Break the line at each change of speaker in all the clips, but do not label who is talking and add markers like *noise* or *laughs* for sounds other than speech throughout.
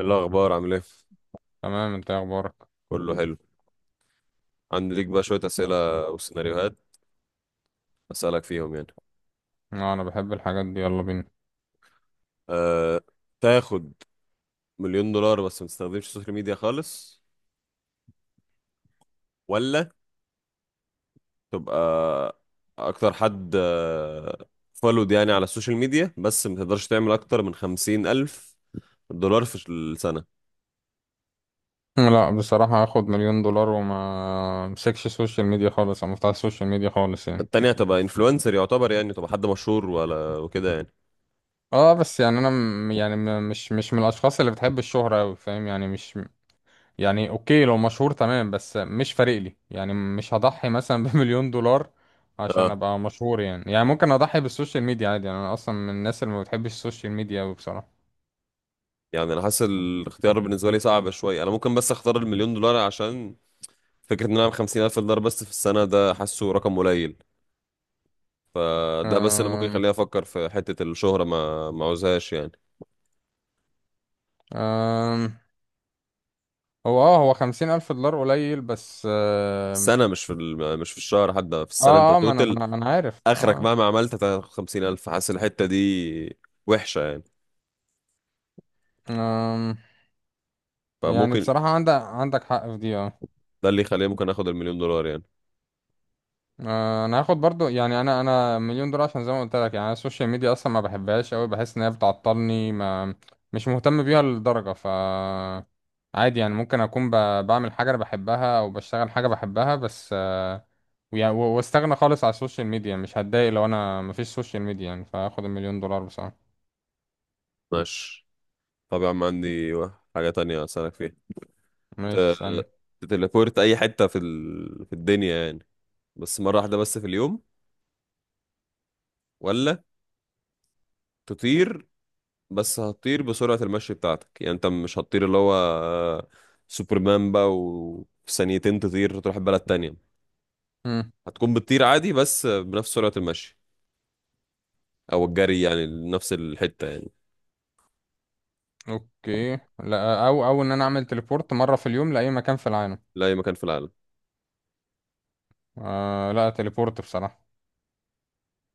إيه الأخبار عامل إيه؟
تمام، انت ايه اخبارك؟
كله حلو. عندي ليك بقى شوية أسئلة وسيناريوهات أسألك فيهم يعني.
لا، انا بحب الحاجات دي. يلا بينا.
أه... تاخد مليون دولار بس ما تستخدمش السوشيال ميديا خالص، ولا تبقى أكتر حد فولود يعني على السوشيال ميديا بس ما تقدرش تعمل أكتر من خمسين ألف دولار في السنة؟
لا بصراحة، هاخد مليون دولار وما امسكش السوشيال ميديا خالص، او مفتاح السوشيال ميديا خالص يعني.
التانية هتبقى إنفلونسر يعتبر يعني، تبقى حد مشهور ولا وكده يعني.
اه بس يعني انا مش من الاشخاص اللي بتحب الشهرة اوي، فاهم يعني مش يعني، اوكي لو مشهور تمام بس مش فارق لي، يعني مش هضحي مثلا *laughs* بمليون دولار عشان
اه،
ابقى مشهور، يعني ممكن اضحي بالسوشيال ميديا عادي، يعني انا اصلا من الناس اللي ما بتحبش السوشيال ميديا اوي بصراحة.
يعني انا حاسس الاختيار بالنسبه لي صعب شويه. انا ممكن بس اختار المليون دولار عشان فكرة ان انا اعمل $50,000 بس في السنة ده حاسه رقم قليل، فده بس اللي ممكن
أم...
يخليني افكر في حتة الشهرة، ما عاوزهاش يعني.
أم... هو 50000 دولار قليل بس.
السنة، مش في مش في الشهر، حتى في السنة انت
ما أنا ما
توتل
أنا ما أنا عارف
اخرك
اه
مهما عملت هتاخد 50,000. حاسس الحتة دي وحشة يعني،
آم، يعني
فممكن
بصراحة، عندك حق في دي اه
ده اللي يخليني ممكن اخد المليون دولار يعني.
أنا هاخد برضو، يعني أنا مليون دولار، عشان زي ما قلت لك يعني، أنا السوشيال ميديا أصلا ما بحبهاش أوي، بحس إن هي بتعطلني، ما مش مهتم بيها للدرجة. عادي يعني، ممكن أكون بعمل حاجة أنا بحبها أو بشتغل حاجة بحبها بس. ويعني و- واستغنى خالص على السوشيال ميديا، مش هتضايق لو أنا مفيش سوشيال ميديا يعني، فهاخد المليون دولار بصراحة.
ماشي، طبعا عندي حاجة تانية اسألك فيها. ت-
ماشي، استنى.
تتليبورت اي حتة في في الدنيا يعني، بس مرة واحدة بس في اليوم، ولا تطير؟ بس هتطير بسرعة المشي بتاعتك، يعني انت مش هتطير اللي هو سوبرمان بقى وفي ثانيتين تطير تروح بلد تانية. هتكون بتطير عادي بس بنفس سرعة المشي او الجري يعني، نفس الحتة يعني.
اوكي، لا او ان انا اعمل تليبورت مره في اليوم لاي مكان في العالم.
لأي مكان في العالم؟
آه لا، تليبورت بصراحه.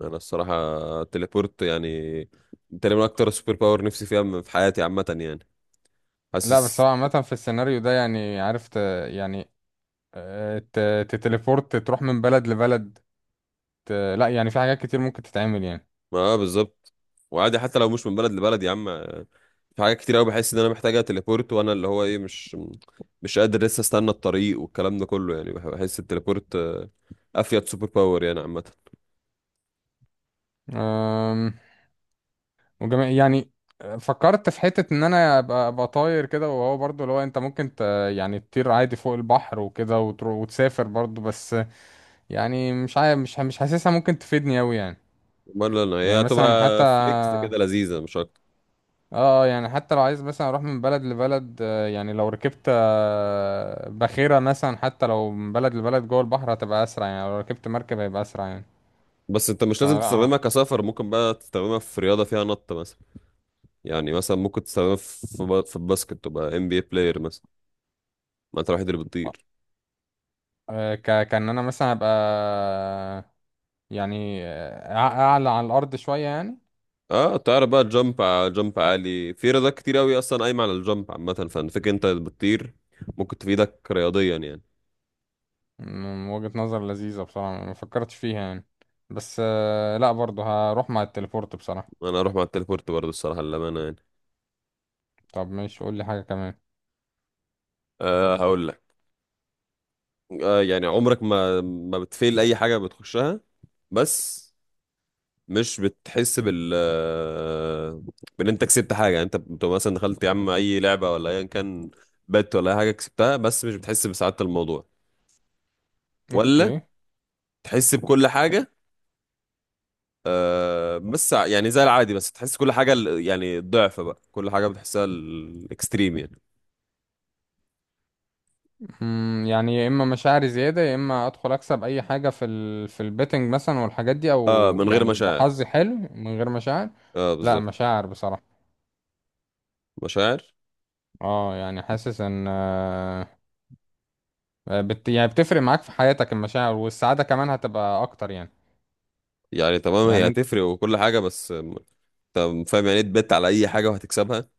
انا الصراحة التليبورت يعني تقريبا اكتر سوبر باور نفسي فيها في حياتي عامة يعني،
لا بس هو
حاسس.
عامه، في السيناريو ده يعني، عرفت يعني، تتليبورت تروح من بلد لبلد، ت- لا يعني في حاجات كتير ممكن تتعمل يعني.
ما آه بالظبط، وعادي حتى لو مش من بلد لبلد يا عم، في حاجات كتير قوي بحس ان انا محتاجه تليبورت، وانا اللي هو ايه مش قادر لسه استنى الطريق والكلام ده كله يعني. بحس التليبورت افيد سوبر باور يعني عامه.
آم، وجميع يعني، فكرت في حته ان انا ابقى طاير كده، وهو برضو اللي هو انت ممكن يعني تطير عادي فوق البحر وكده وتروح وتسافر برضو، بس يعني مش عارف، مش حاسسها ممكن تفيدني اوي يعني.
امال انا هي
يعني مثلا حتى،
هتبقى فليكس كده لذيذه مش اكتر.
اه يعني حتى لو عايز مثلا اروح من بلد لبلد، يعني لو ركبت باخرة مثلا، حتى لو من بلد لبلد جوه البحر هتبقى اسرع، يعني لو ركبت مركب هيبقى اسرع يعني.
بس انت مش لازم
فلا
تستخدمها
ه-
كسفر، ممكن بقى تستخدمها في رياضه فيها نط مثلا. يعني مثلا ممكن تستخدمها في في في الباسكت تبقى ام بي اي بلاير مثلا، ما انت الوحيد اللي بتطير.
آه، ك كان انا مثلا هبقى يعني اعلى على الارض شوية يعني.
اه، تعرف بقى جامب؟ جامب عالي في رياضات كتير قوي اصلا قايمه على الجامب عامه، فانا فاكر انت بتطير ممكن تفيدك رياضيا يعني.
من وجهة نظر لذيذة بصراحة، ما فكرتش فيها يعني، بس لا برضه هروح مع التليبورت بصراحة.
انا اروح مع التليبورت برضه الصراحه للامانه يعني.
طب ماشي، قول لي حاجة كمان.
أه، هقول لك. آه يعني عمرك ما بتفيل اي حاجه بتخشها بس مش بتحس بال بان انت كسبت حاجه؟ يعني انت بتبقى مثلا دخلت يا عم اي لعبه ولا ايا كان بات ولا اي حاجه كسبتها بس مش بتحس بسعاده الموضوع. ولا
اوكي.
تحس بكل حاجه، بس يعني زي العادي، بس تحس كل حاجه يعني ضعف بقى كل حاجه بتحسها الاكستريم يعني؟
يعني يا اما مشاعري زياده، يا اما ادخل اكسب اي حاجه في البيتنج مثلا والحاجات دي، او
اه من غير
يعني يبقى
مشاعر.
حظي حلو من غير مشاعر.
اه
لا
بالظبط.
مشاعر بصراحه.
مشاعر.
اه يعني حاسس ان يعني بتفرق معاك في حياتك المشاعر، والسعاده كمان هتبقى اكتر يعني.
يعني تمام، هي
يعني انت.
هتفرق وكل حاجه، بس طب فاهم يعني ايه تبت على اي حاجه وهتكسبها؟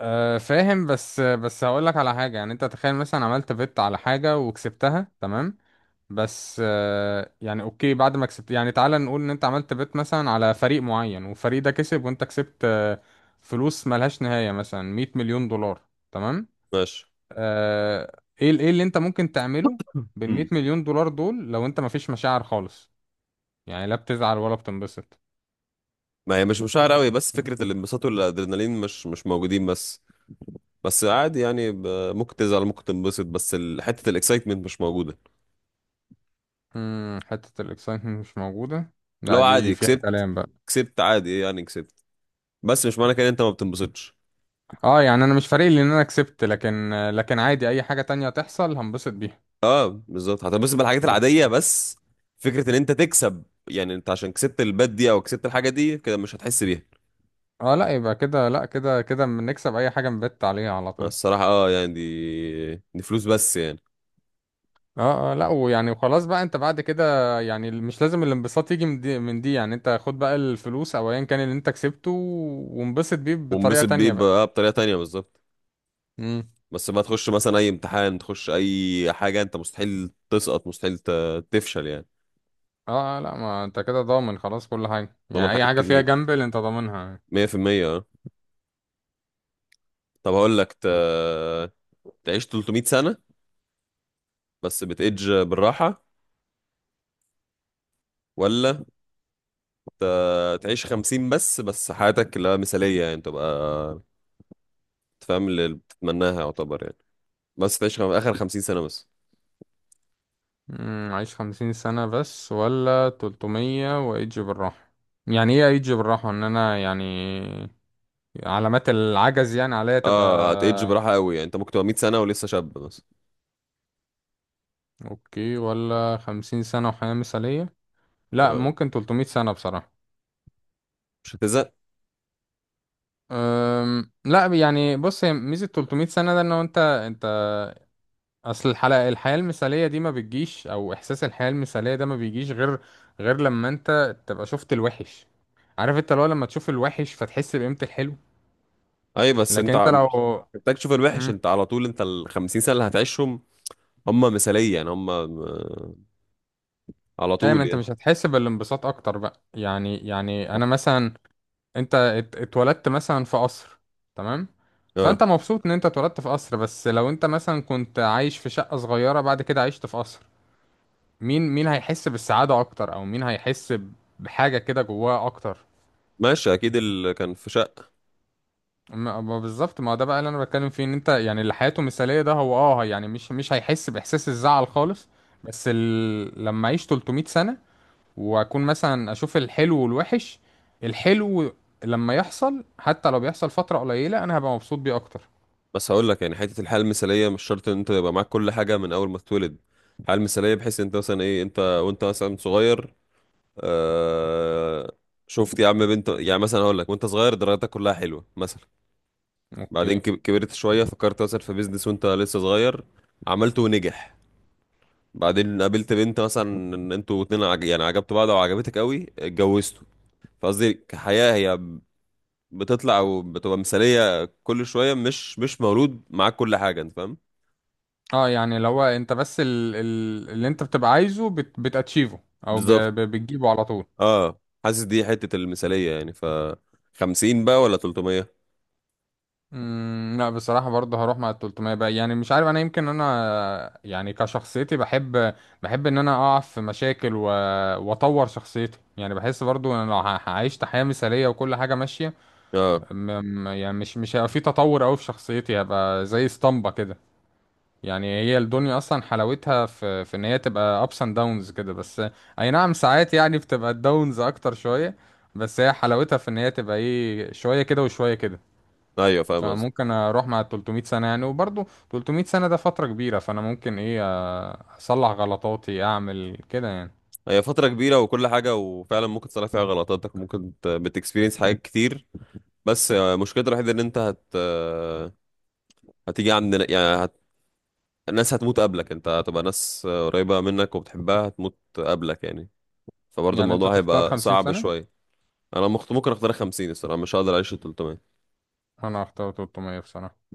فاهم، بس هقول لك على حاجه، يعني انت تخيل مثلا عملت بت على حاجه وكسبتها تمام، بس يعني اوكي، بعد ما كسبت يعني، تعالى نقول ان انت عملت بيت مثلا على فريق معين، والفريق ده كسب وانت كسبت فلوس ملهاش نهاية، مثلا 100 مليون دولار. تمام.
ماشي.
ايه ايه اللي انت ممكن تعمله
*laughs*
بال 100
امم،
مليون دولار دول، لو انت مفيش مشاعر خالص، يعني لا بتزعل ولا بتنبسط.
ما هي مش مشاعر قوي، بس فكره الانبساط والادرينالين مش موجودين بس. بس عادي يعني، ممكن تزعل ممكن تنبسط، بس حته الاكسايتمنت مش موجوده.
حتة الاكسايتمنت مش موجودة، لا
لو
دي
عادي
فيها
كسبت،
كلام بقى.
كسبت عادي ايه يعني كسبت، بس مش معنى كده إن انت ما بتنبسطش.
اه يعني، انا مش فارق لي ان انا كسبت، لكن لكن عادي اي حاجة تانية تحصل هنبسط بيها.
اه بالظبط، هتنبسط بالحاجات العاديه، بس فكره ان انت تكسب، يعني انت عشان كسبت البات دي او كسبت الحاجه دي كده مش هتحس بيها.
اه لا، يبقى كده، لا كده بنكسب اي حاجه نبت عليها على طول.
الصراحه اه، يعني دي دي فلوس بس يعني.
اه لا، ويعني وخلاص بقى، انت بعد كده يعني مش لازم الانبساط يجي من دي، يعني انت خد بقى الفلوس او ايا كان اللي انت كسبته، وانبسط بيه بطريقه
وانبسط بيه
تانية بقى.
بقى بطريقه تانيه بالظبط.
امم
بس ما تخش مثلا اي امتحان، تخش اي حاجه انت مستحيل تسقط، مستحيل تفشل يعني،
لا، ما انت كده ضامن خلاص كل حاجه،
ضمن
يعني اي
حاجات
حاجه فيها
كتير
جامبل انت ضامنها.
100%. اه، طب هقول لك تعيش 300 سنه بس بتأج بالراحه، ولا ت... تعيش 50، بس بس حياتك لا مثاليه يعني، تبقى تفهم اللي بتتمناها يعتبر يعني، بس تعيش اخر 50 سنه بس؟
عايش 50 سنه بس، ولا 300 وايجي بالراحه؟ يعني ايه ايجي بالراحه، ان انا يعني علامات العجز يعني عليا
اه هتأج
تبقى؟
براحه قوي، يعني انت ممكن تبقى 100 سنه ولسه شاب بس.
اوكي، ولا 50 سنة وحياة مثالية؟ لا،
اه،
ممكن 300 سنة بصراحة.
مش هتزهق.
لا يعني، بص هي ميزة 300 سنة ده، ان هو انت انت. اصل الحلقة، الحياة المثالية دي ما بتجيش، او احساس الحياة المثالية ده ما بيجيش غير لما انت تبقى شفت الوحش. عارف، انت لو لما تشوف الوحش فتحس بقيمة الحلو،
اي، بس
لكن
انت
انت لو
مش محتاج تشوف الوحش،
مم.
انت على طول. انت ال 50 سنه اللي هتعيشهم هم مثالية، يعني هم م- على
دايما
طول
انت
يعني.
مش هتحس بالانبساط اكتر بقى، يعني انا مثلا، انت اتولدت مثلا في قصر، تمام،
اه،
فانت مبسوط ان انت اتولدت في قصر، بس لو انت مثلا كنت عايش في شقة صغيرة بعد كده عشت في قصر، مين هيحس بالسعادة اكتر، او مين هيحس بحاجة كده جواه اكتر؟
ماشي اكيد اللي كان في شقة.
ما بالظبط، ما ده بقى اللي انا بتكلم فيه، ان انت يعني اللي حياته مثالية ده هو، اه يعني مش هيحس باحساس الزعل خالص، بس لما اعيش 300 سنة واكون مثلا اشوف الحلو والوحش، الحلو لما يحصل، حتى لو بيحصل فترة قليلة، انا هبقى مبسوط بيه اكتر.
بس هقول لك يعني، حتة الحياة المثالية مش شرط ان انت يبقى معاك كل حاجة من اول ما تتولد. الحياة المثالية بحيث انت مثلا ايه انت وانت مثلا صغير، آه، شفت يا عم بنت، يعني مثلا هقول لك وانت صغير درجاتك كلها حلوة مثلا، بعدين
اوكي.
كبرت شوية فكرت مثلا في بيزنس وانت لسه صغير عملته ونجح، بعدين قابلت بنت مثلا، ان انتوا اتنين يعني عجبتوا بعض وعجبتك قوي اتجوزتوا. فقصدي كحياة هي بتطلع وبتبقى مثالية كل شوية، مش مولود معاك كل حاجة، انت فاهم؟
اه يعني لو هو انت بس اللي انت بتبقى عايزه بتاتشيفه، او
بالظبط،
بتجيبه على طول.
اه حاسس دي حتة المثالية يعني ف، 50 بقى ولا 300؟
لا بصراحة، برضه هروح مع ال 300 بقى يعني، مش عارف انا، يمكن انا يعني كشخصيتي، بحب ان انا اقع في مشاكل واطور شخصيتي، يعني بحس برضه ان انا لو عيشت حياة مثالية وكل حاجة ماشية،
اه،
م... يعني مش هيبقى في تطور قوي في شخصيتي، هبقى زي اسطمبة كده. يعني هي الدنيا اصلا حلاوتها في ان هي تبقى ups and downs كده، بس اي نعم ساعات يعني بتبقى الداونز اكتر شوية، بس هي حلاوتها في ان هي تبقى ايه شوية كده وشوية كده.
ايوه فاهم قصدي.
فممكن اروح مع 300 سنة يعني، وبرضه 300 سنة ده فترة كبيرة، فانا ممكن ايه اصلح غلطاتي اعمل كده يعني.
هي فترة كبيرة وكل حاجة وفعلا ممكن تصلح فيها غلطاتك، ممكن بتكسبيرينس حاجات كتير، بس مشكلتها الوحيدة ان انت هت آه، هتيجي عند يعني هت... الناس هتموت قبلك، انت هتبقى ناس قريبة منك وبتحبها هتموت قبلك يعني، فبرضه
يعني انت
الموضوع
تختار
هيبقى
50
صعب
سنة؟
شوية. انا ممكن اختار 50 الصراحة، مش هقدر اعيش ال 300.
انا اختار 300 بصراحة.